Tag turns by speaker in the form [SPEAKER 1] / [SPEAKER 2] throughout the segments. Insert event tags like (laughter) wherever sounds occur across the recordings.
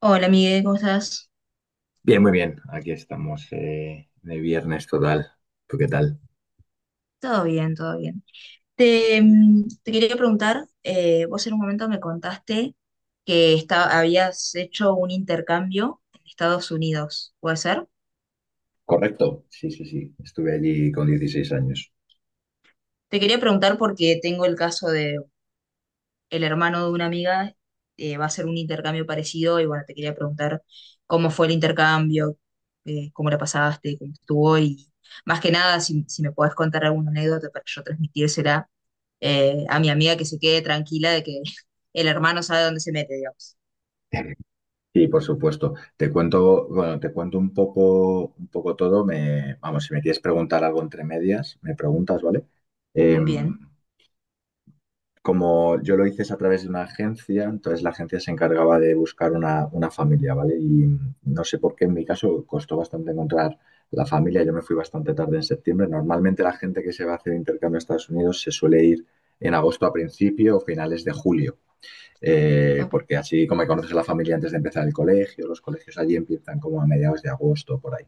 [SPEAKER 1] Hola, Miguel, ¿cómo estás?
[SPEAKER 2] Bien, muy bien. Aquí estamos de viernes total. ¿Tú qué tal?
[SPEAKER 1] Todo bien, todo bien. Te quería preguntar, vos en un momento me contaste que habías hecho un intercambio en Estados Unidos, ¿puede ser?
[SPEAKER 2] Correcto, sí, sí, sí. Estuve allí con 16 años.
[SPEAKER 1] Te quería preguntar porque tengo el caso de el hermano de una amiga, va a hacer un intercambio parecido y bueno, te quería preguntar cómo fue el intercambio, cómo la pasaste, cómo estuvo y más que nada si me podés contar alguna anécdota para yo transmitírsela a mi amiga que se quede tranquila de que (laughs) el hermano sabe dónde se mete, digamos.
[SPEAKER 2] (laughs) Sí, por supuesto. Te cuento, bueno, te cuento un poco todo. Me, vamos, si me quieres preguntar algo entre medias, me preguntas, ¿vale?
[SPEAKER 1] Bien,
[SPEAKER 2] Em, Como yo lo hice es a través de una agencia, entonces la agencia se encargaba de buscar una familia, ¿vale? Y no sé por qué en mi caso costó bastante encontrar la familia, yo me fui bastante tarde en septiembre. Normalmente la gente que se va a hacer intercambio a Estados Unidos se suele ir en agosto a principio o finales de julio,
[SPEAKER 1] ok,
[SPEAKER 2] porque así como conoces a la familia antes de empezar el colegio, los colegios allí empiezan como a mediados de agosto por ahí,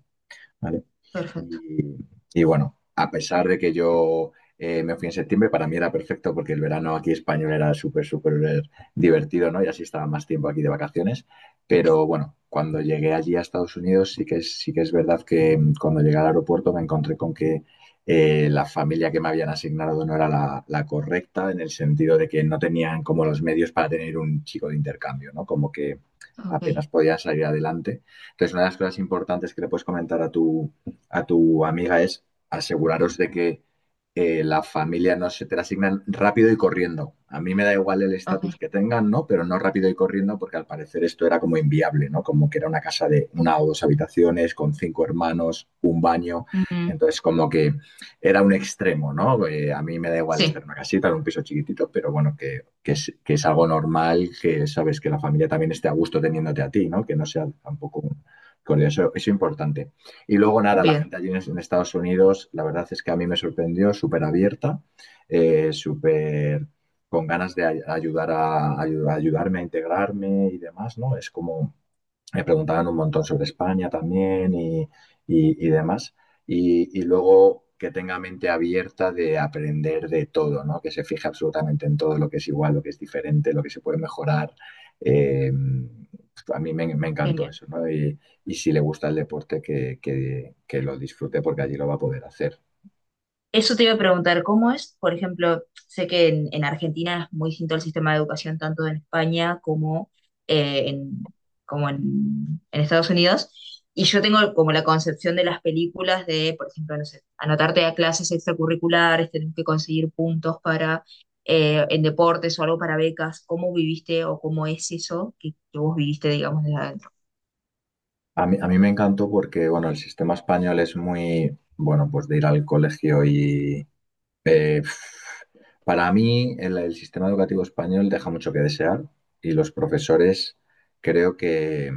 [SPEAKER 2] ¿vale?
[SPEAKER 1] perfecto,
[SPEAKER 2] Y, y bueno, a pesar de que yo me fui en septiembre, para mí era perfecto porque el verano aquí español era súper, súper divertido, ¿no? Y así estaba más tiempo aquí de vacaciones. Pero bueno, cuando llegué allí a Estados Unidos, sí que es verdad que cuando llegué al aeropuerto me encontré con que la familia que me habían asignado no era la correcta, en el sentido de que no tenían como los medios para tener un chico de intercambio, ¿no? Como que
[SPEAKER 1] ok,
[SPEAKER 2] apenas podían salir adelante. Entonces, una de las cosas importantes que le puedes comentar a tu amiga es aseguraros de que la familia no se te la asignan rápido y corriendo. A mí me da igual el estatus
[SPEAKER 1] ok.
[SPEAKER 2] que tengan, ¿no? Pero no rápido y corriendo porque al parecer esto era como inviable, ¿no? Como que era una casa de una o dos habitaciones con cinco hermanos, un baño.
[SPEAKER 1] Mm,
[SPEAKER 2] Entonces como que era un extremo, ¿no? A mí me da igual
[SPEAKER 1] sí,
[SPEAKER 2] estar en una casita, en un piso chiquitito, pero bueno, que es algo normal, que sabes que la familia también esté a gusto teniéndote a ti, ¿no? Que no sea tampoco un... Eso es importante. Y luego nada, la
[SPEAKER 1] bien,
[SPEAKER 2] gente allí en Estados Unidos, la verdad es que a mí me sorprendió, súper abierta, súper con ganas de ayudar a, ayudarme a integrarme y demás, ¿no? Es como me preguntaban un montón sobre España también y demás. Y luego que tenga mente abierta de aprender de todo, ¿no? Que se fije absolutamente en todo lo que es igual, lo que es diferente, lo que se puede mejorar. Eh, a me encantó
[SPEAKER 1] genial.
[SPEAKER 2] eso, ¿no? Y si le gusta el deporte, que lo disfrute porque allí lo va a poder hacer.
[SPEAKER 1] Eso te iba a preguntar, ¿cómo es? Por ejemplo, sé que en Argentina es muy distinto el sistema de educación tanto en España como, eh, en, como en Estados Unidos. Y yo tengo como la concepción de las películas de, por ejemplo, no sé, anotarte a clases extracurriculares, tenés que conseguir puntos para en deportes o algo para becas. ¿Cómo viviste o cómo es eso que vos viviste, digamos, desde adentro?
[SPEAKER 2] A mí me encantó porque, bueno, el sistema español es muy, bueno, pues de ir al colegio y... eh, Para mí, el sistema educativo español deja mucho que desear y los profesores creo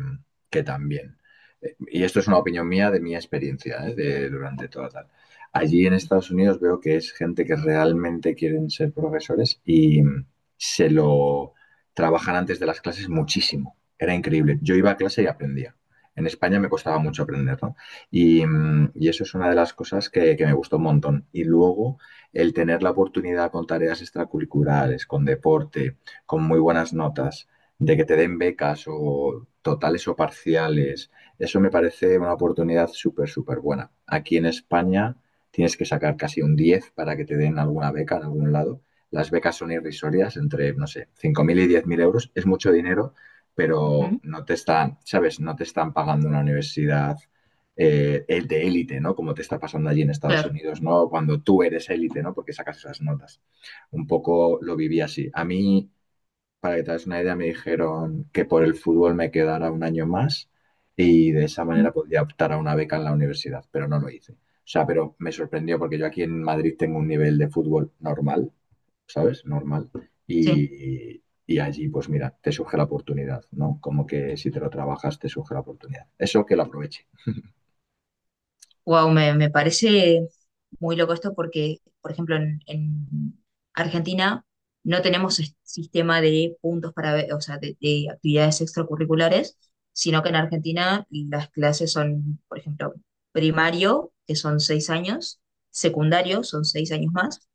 [SPEAKER 2] que también. Y esto es una opinión mía de mi experiencia, ¿eh? De, durante toda tal. Allí en Estados Unidos veo que es gente que realmente quieren ser profesores y se lo trabajan antes de las clases muchísimo. Era increíble. Yo iba a clase y aprendía. En España me costaba mucho aprender, ¿no? Y, y eso es una de las cosas que me gustó un montón. Y luego el tener la oportunidad con tareas extracurriculares, con deporte, con muy buenas notas, de que te den becas o totales o parciales, eso me parece una oportunidad súper, súper buena. Aquí en España tienes que sacar casi un 10 para que te den alguna beca en algún lado. Las becas son irrisorias, entre, no sé, 5.000 y 10.000 euros. Es mucho dinero, pero
[SPEAKER 1] Ujú.
[SPEAKER 2] no te están, ¿sabes? No te están pagando una universidad el de élite, ¿no? Como te está pasando allí en Estados
[SPEAKER 1] Claro,
[SPEAKER 2] Unidos, ¿no? Cuando tú eres élite, ¿no? Porque sacas esas notas. Un poco lo viví así. A mí, para que te hagas una idea, me dijeron que por el fútbol me quedara un año más y de esa
[SPEAKER 1] ujú,
[SPEAKER 2] manera podría optar a una beca en la universidad, pero no lo hice. O sea, pero me sorprendió porque yo aquí en Madrid tengo un nivel de fútbol normal, ¿sabes? Normal.
[SPEAKER 1] sí.
[SPEAKER 2] Y allí, pues mira, te surge la oportunidad, ¿no? Como que si te lo trabajas, te surge la oportunidad. Eso que lo aproveches.
[SPEAKER 1] Wow, me parece muy loco esto porque, por ejemplo, en Argentina no tenemos sistema de puntos para ver, o sea, de actividades extracurriculares, sino que en Argentina las clases son, por ejemplo, primario, que son seis años, secundario, son seis años más,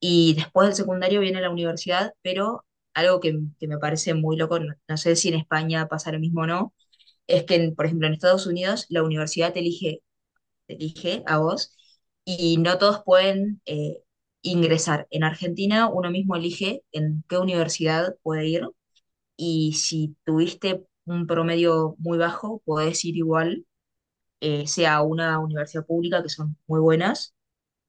[SPEAKER 1] y después del secundario viene la universidad, pero algo que me parece muy loco, no sé si en España pasa lo mismo o no, es que, por ejemplo, en Estados Unidos la universidad elige te dije a vos, y no todos pueden ingresar. En Argentina uno mismo elige en qué universidad puede ir y si tuviste un promedio muy bajo, podés ir igual, sea a una universidad pública, que son muy buenas,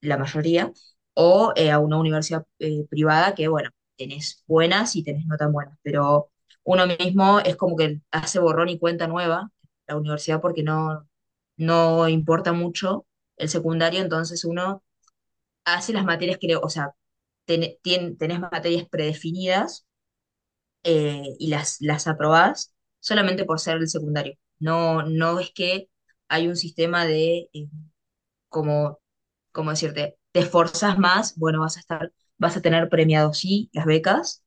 [SPEAKER 1] la mayoría, o a una universidad privada que, bueno, tenés buenas y tenés no tan buenas, pero uno mismo es como que hace borrón y cuenta nueva la universidad porque no importa mucho el secundario, entonces uno hace las materias que, o sea, tenés materias predefinidas y las aprobás solamente por ser el secundario. No, no es que hay un sistema de... como, como decirte, te esforzas más, bueno, vas a estar, vas a tener premiado sí las becas,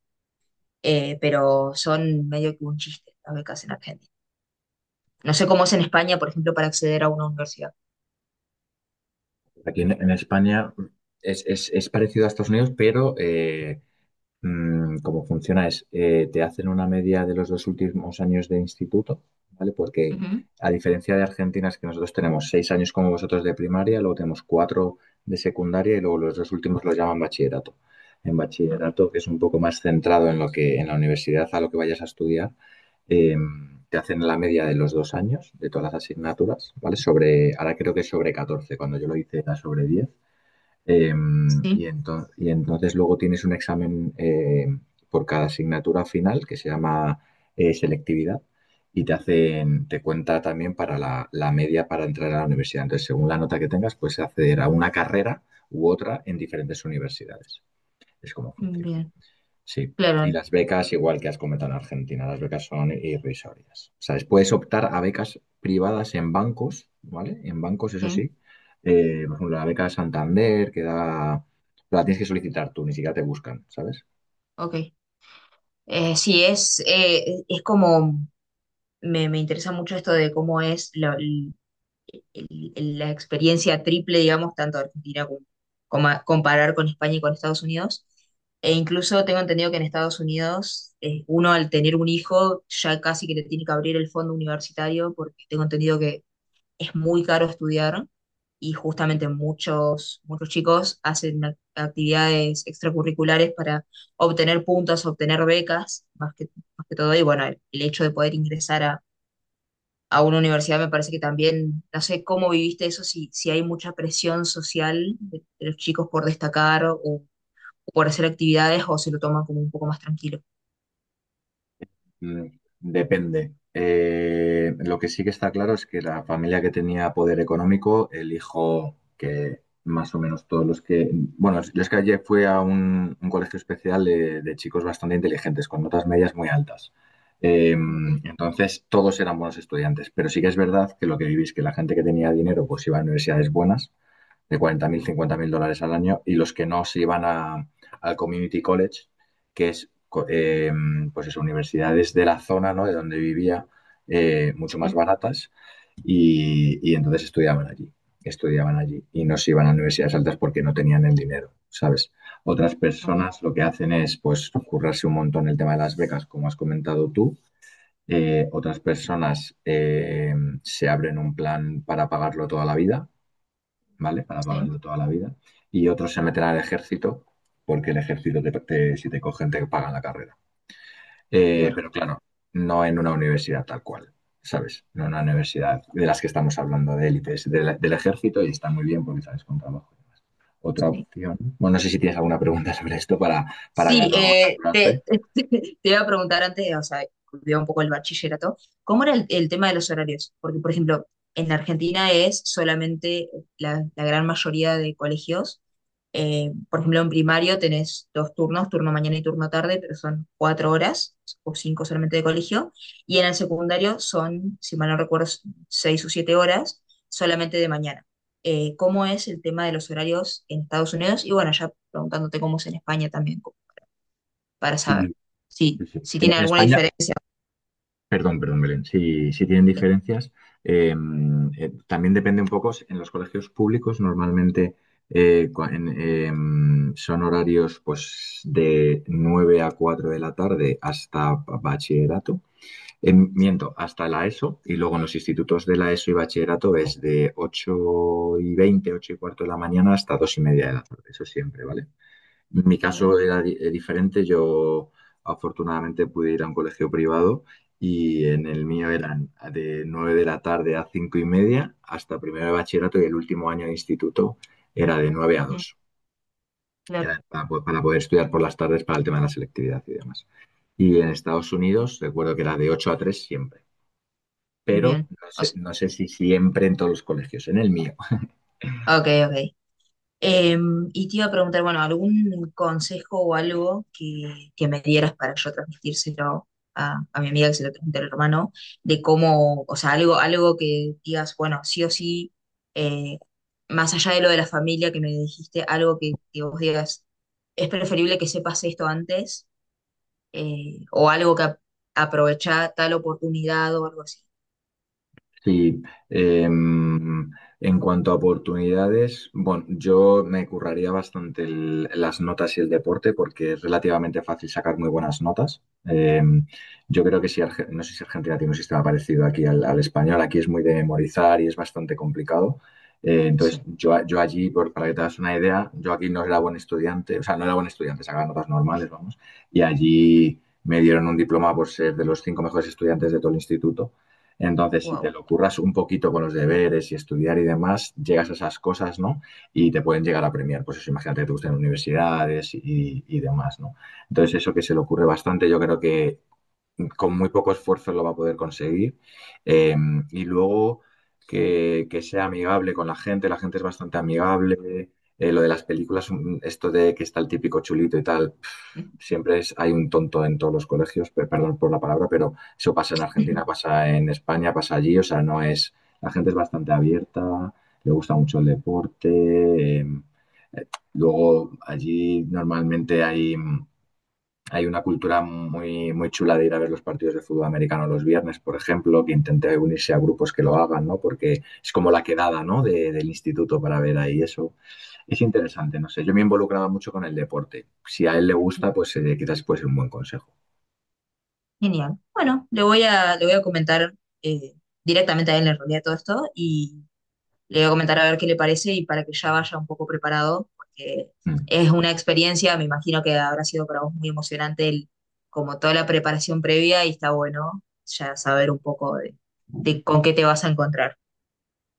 [SPEAKER 1] pero son medio que un chiste las becas en Argentina. No sé cómo es en España, por ejemplo, para acceder a una universidad.
[SPEAKER 2] Aquí en España es, es parecido a Estados Unidos, pero como funciona es, te hacen una media de los dos últimos años de instituto, ¿vale? Porque
[SPEAKER 1] Ujú,
[SPEAKER 2] a diferencia de Argentina es que nosotros tenemos seis años como vosotros de primaria, luego tenemos cuatro de secundaria y luego los dos últimos los llaman bachillerato. En
[SPEAKER 1] ok,
[SPEAKER 2] bachillerato, que es un poco más centrado en lo que en la universidad, a lo que vayas a estudiar, eh, te hacen la media de los dos años de todas las asignaturas, ¿vale? Sobre, ahora creo que es sobre 14, cuando yo lo hice era sobre 10. Eh, y,
[SPEAKER 1] sí,
[SPEAKER 2] y entonces luego tienes un examen por cada asignatura final que se llama selectividad y te hacen, te cuenta también para la, la media para entrar a la universidad. Entonces, según la nota que tengas, puedes acceder a una carrera u otra en diferentes universidades. Es como funciona.
[SPEAKER 1] bien,
[SPEAKER 2] Sí, y
[SPEAKER 1] claro,
[SPEAKER 2] las becas, igual que has comentado en Argentina, las becas son irrisorias. O sea, puedes optar a becas privadas en bancos, ¿vale? En bancos, eso sí.
[SPEAKER 1] sí,
[SPEAKER 2] Por ejemplo, la beca Santander, que da... La tienes que solicitar tú, ni siquiera te buscan, ¿sabes?
[SPEAKER 1] ok. Sí, es como, me interesa mucho esto de cómo es la, la experiencia triple, digamos, tanto Argentina como, comparar con España y con Estados Unidos. E incluso tengo entendido que en Estados Unidos uno al tener un hijo ya casi que le tiene que abrir el fondo universitario porque tengo entendido que es muy caro estudiar y justamente muchos chicos hacen actividades extracurriculares para obtener puntos, obtener becas, más que todo. Y bueno, el hecho de poder ingresar a una universidad, me parece que también, no sé cómo viviste eso, si hay mucha presión social de los chicos por destacar o, por hacer actividades o se lo toman como un poco más tranquilo.
[SPEAKER 2] Mm, depende. Lo que sí que está claro es que la familia que tenía poder económico, el hijo que más o menos todos los que... Bueno, yo es que ayer fui a un colegio especial de chicos bastante inteligentes, con notas medias muy altas. Eh,
[SPEAKER 1] Ok,
[SPEAKER 2] entonces, todos eran buenos estudiantes, pero sí que es verdad que lo que vivís, que la gente que tenía dinero, pues iba a universidades buenas de 40.000 o 50.000 dólares al año, y los que no se iban a, al Community College, que es, eh, pues eso, universidades de la zona, ¿no? De donde vivía, mucho más
[SPEAKER 1] sí,
[SPEAKER 2] baratas, y entonces estudiaban allí, y no se iban a universidades altas porque no tenían el dinero, ¿sabes? Otras
[SPEAKER 1] ok,
[SPEAKER 2] personas lo que hacen es, pues, currarse un montón el tema de las becas, como has comentado tú, otras personas se abren un plan para pagarlo toda la vida, ¿vale? Para
[SPEAKER 1] sí,
[SPEAKER 2] pagarlo toda la vida. Y otros se meten al ejército, porque el ejército, si te cogen, te pagan la carrera.
[SPEAKER 1] claro,
[SPEAKER 2] Pero claro, no en una universidad tal cual, ¿sabes? No en una universidad de las que estamos hablando, de élites del ejército, y está muy bien porque sales con trabajo. Otra
[SPEAKER 1] sí.
[SPEAKER 2] opción. Bueno, no sé si tienes alguna pregunta sobre esto para
[SPEAKER 1] Sí,
[SPEAKER 2] no saturarte.
[SPEAKER 1] (laughs) te iba a preguntar antes, o sea, volvió un poco el bachillerato, ¿cómo era el tema de los horarios? Porque, por ejemplo, en Argentina es solamente la gran mayoría de colegios, por ejemplo, en primario tenés dos turnos, turno mañana y turno tarde, pero son cuatro horas o cinco solamente de colegio, y en el secundario son, si mal no recuerdo, seis o siete horas solamente de mañana. ¿Cómo es el tema de los horarios en Estados Unidos? Y bueno, ya preguntándote cómo es en España también para saber
[SPEAKER 2] Sí, sí, sí.
[SPEAKER 1] si tiene
[SPEAKER 2] En
[SPEAKER 1] alguna
[SPEAKER 2] España,
[SPEAKER 1] diferencia.
[SPEAKER 2] perdón, perdón, Belén. Sí, sí tienen diferencias. Eh, también depende un poco, en los colegios públicos normalmente son horarios pues, de 9 a 4 de la tarde hasta bachillerato. Em, miento, hasta la ESO. Y luego en los institutos de la ESO y bachillerato es de 8:20, 8:15 de la mañana hasta 2:30 de la tarde. Eso siempre, ¿vale? Mi caso era diferente. Yo afortunadamente pude ir a un colegio privado y en el mío eran de 9 de la tarde a 5:30 hasta primero de bachillerato y el último año de instituto era de nueve a
[SPEAKER 1] Mm,
[SPEAKER 2] dos Era
[SPEAKER 1] claro,
[SPEAKER 2] para, para poder estudiar por las tardes para el tema de la selectividad y demás. Y en Estados Unidos recuerdo que era de 8 a 3 siempre, pero
[SPEAKER 1] bien.
[SPEAKER 2] no
[SPEAKER 1] O
[SPEAKER 2] sé,
[SPEAKER 1] sea,
[SPEAKER 2] no sé si siempre en todos los colegios, en el mío.
[SPEAKER 1] ok, ok. Em, y te iba a preguntar, bueno, ¿algún consejo o algo que me dieras para yo transmitírselo a mi amiga que se lo transmite al hermano, de cómo, o sea, algo, algo que digas, bueno, sí o sí, eh, más allá de lo de la familia que me dijiste, algo que vos digas, es preferible que sepas esto antes o algo que aprovechá tal oportunidad o algo así.
[SPEAKER 2] Sí, em, en cuanto a oportunidades, bueno, yo me curraría bastante las notas y el deporte porque es relativamente fácil sacar muy buenas notas. Yo creo que si, no sé si Argentina tiene un sistema parecido aquí al, al español, aquí es muy de memorizar y es bastante complicado.
[SPEAKER 1] Sí,
[SPEAKER 2] Entonces, yo, yo allí, para que te hagas una idea, yo aquí no era buen estudiante, o sea, no era buen estudiante, sacaba notas normales, vamos, y allí me dieron un diploma por ser de los 5 mejores estudiantes de todo el instituto. Entonces, si te
[SPEAKER 1] wow.
[SPEAKER 2] lo curras un poquito con los deberes y estudiar y demás, llegas a esas cosas, ¿no? Y te pueden llegar a premiar. Pues eso, imagínate que te gustan universidades y demás, ¿no? Entonces, eso que se le ocurre bastante, yo creo que con muy poco esfuerzo lo va a poder conseguir. Eh, y luego que sea amigable con la gente es bastante amigable. Lo de las películas, esto de que está el típico chulito y tal, pf, siempre es, hay un tonto en todos los colegios, perdón por la palabra, pero eso pasa en Argentina,
[SPEAKER 1] (laughs)
[SPEAKER 2] pasa en España, pasa allí, o sea, no es, la gente es bastante abierta, le gusta mucho el deporte, luego allí normalmente hay... hay una cultura muy, muy chula de ir a ver los partidos de fútbol americano los viernes, por ejemplo, que intente unirse a grupos que lo hagan, ¿no? Porque es como la quedada, ¿no? Del instituto para ver ahí eso. Es interesante, no sé. Yo me involucraba mucho con el deporte. Si a él le gusta, pues quizás puede ser un buen consejo.
[SPEAKER 1] Genial. Bueno, le voy a comentar eh, directamente a él en realidad todo esto y le voy a comentar a ver qué le parece y para que ya vaya un poco preparado, porque
[SPEAKER 2] Mm.
[SPEAKER 1] es una experiencia, me imagino que habrá sido para vos muy emocionante como toda la preparación previa y está bueno ya saber un poco de con qué te vas a encontrar.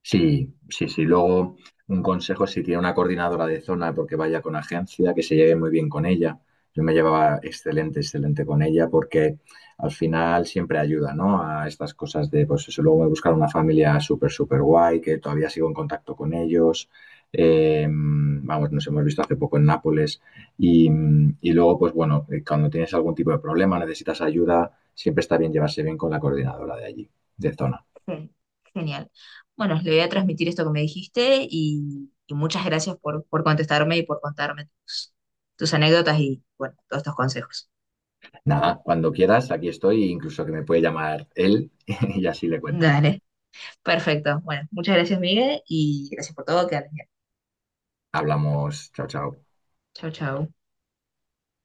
[SPEAKER 2] Sí, sí, sí. Luego, un consejo si tiene una coordinadora de zona, porque vaya con agencia, que se lleve muy bien con ella. Yo me llevaba excelente, excelente con ella, porque al final siempre ayuda, ¿no? A estas cosas de, pues eso, luego me buscaron una familia súper, súper guay, que todavía sigo en contacto con ellos. Vamos, nos hemos visto hace poco en Nápoles. Y, y luego, pues bueno, cuando tienes algún tipo de problema, necesitas ayuda, siempre está bien llevarse bien con la coordinadora de allí, de zona.
[SPEAKER 1] Gen- Genial. Bueno, le voy a transmitir esto que me dijiste y muchas gracias por contestarme y por contarme tus, tus anécdotas y, bueno, todos estos consejos.
[SPEAKER 2] Nada, cuando quieras, aquí estoy, incluso que me puede llamar él (laughs) y así le cuento.
[SPEAKER 1] Dale, perfecto. Bueno, muchas gracias, Miguel, y gracias por todo. Que andes bien.
[SPEAKER 2] Hablamos, chao, chao.
[SPEAKER 1] Chau, chau.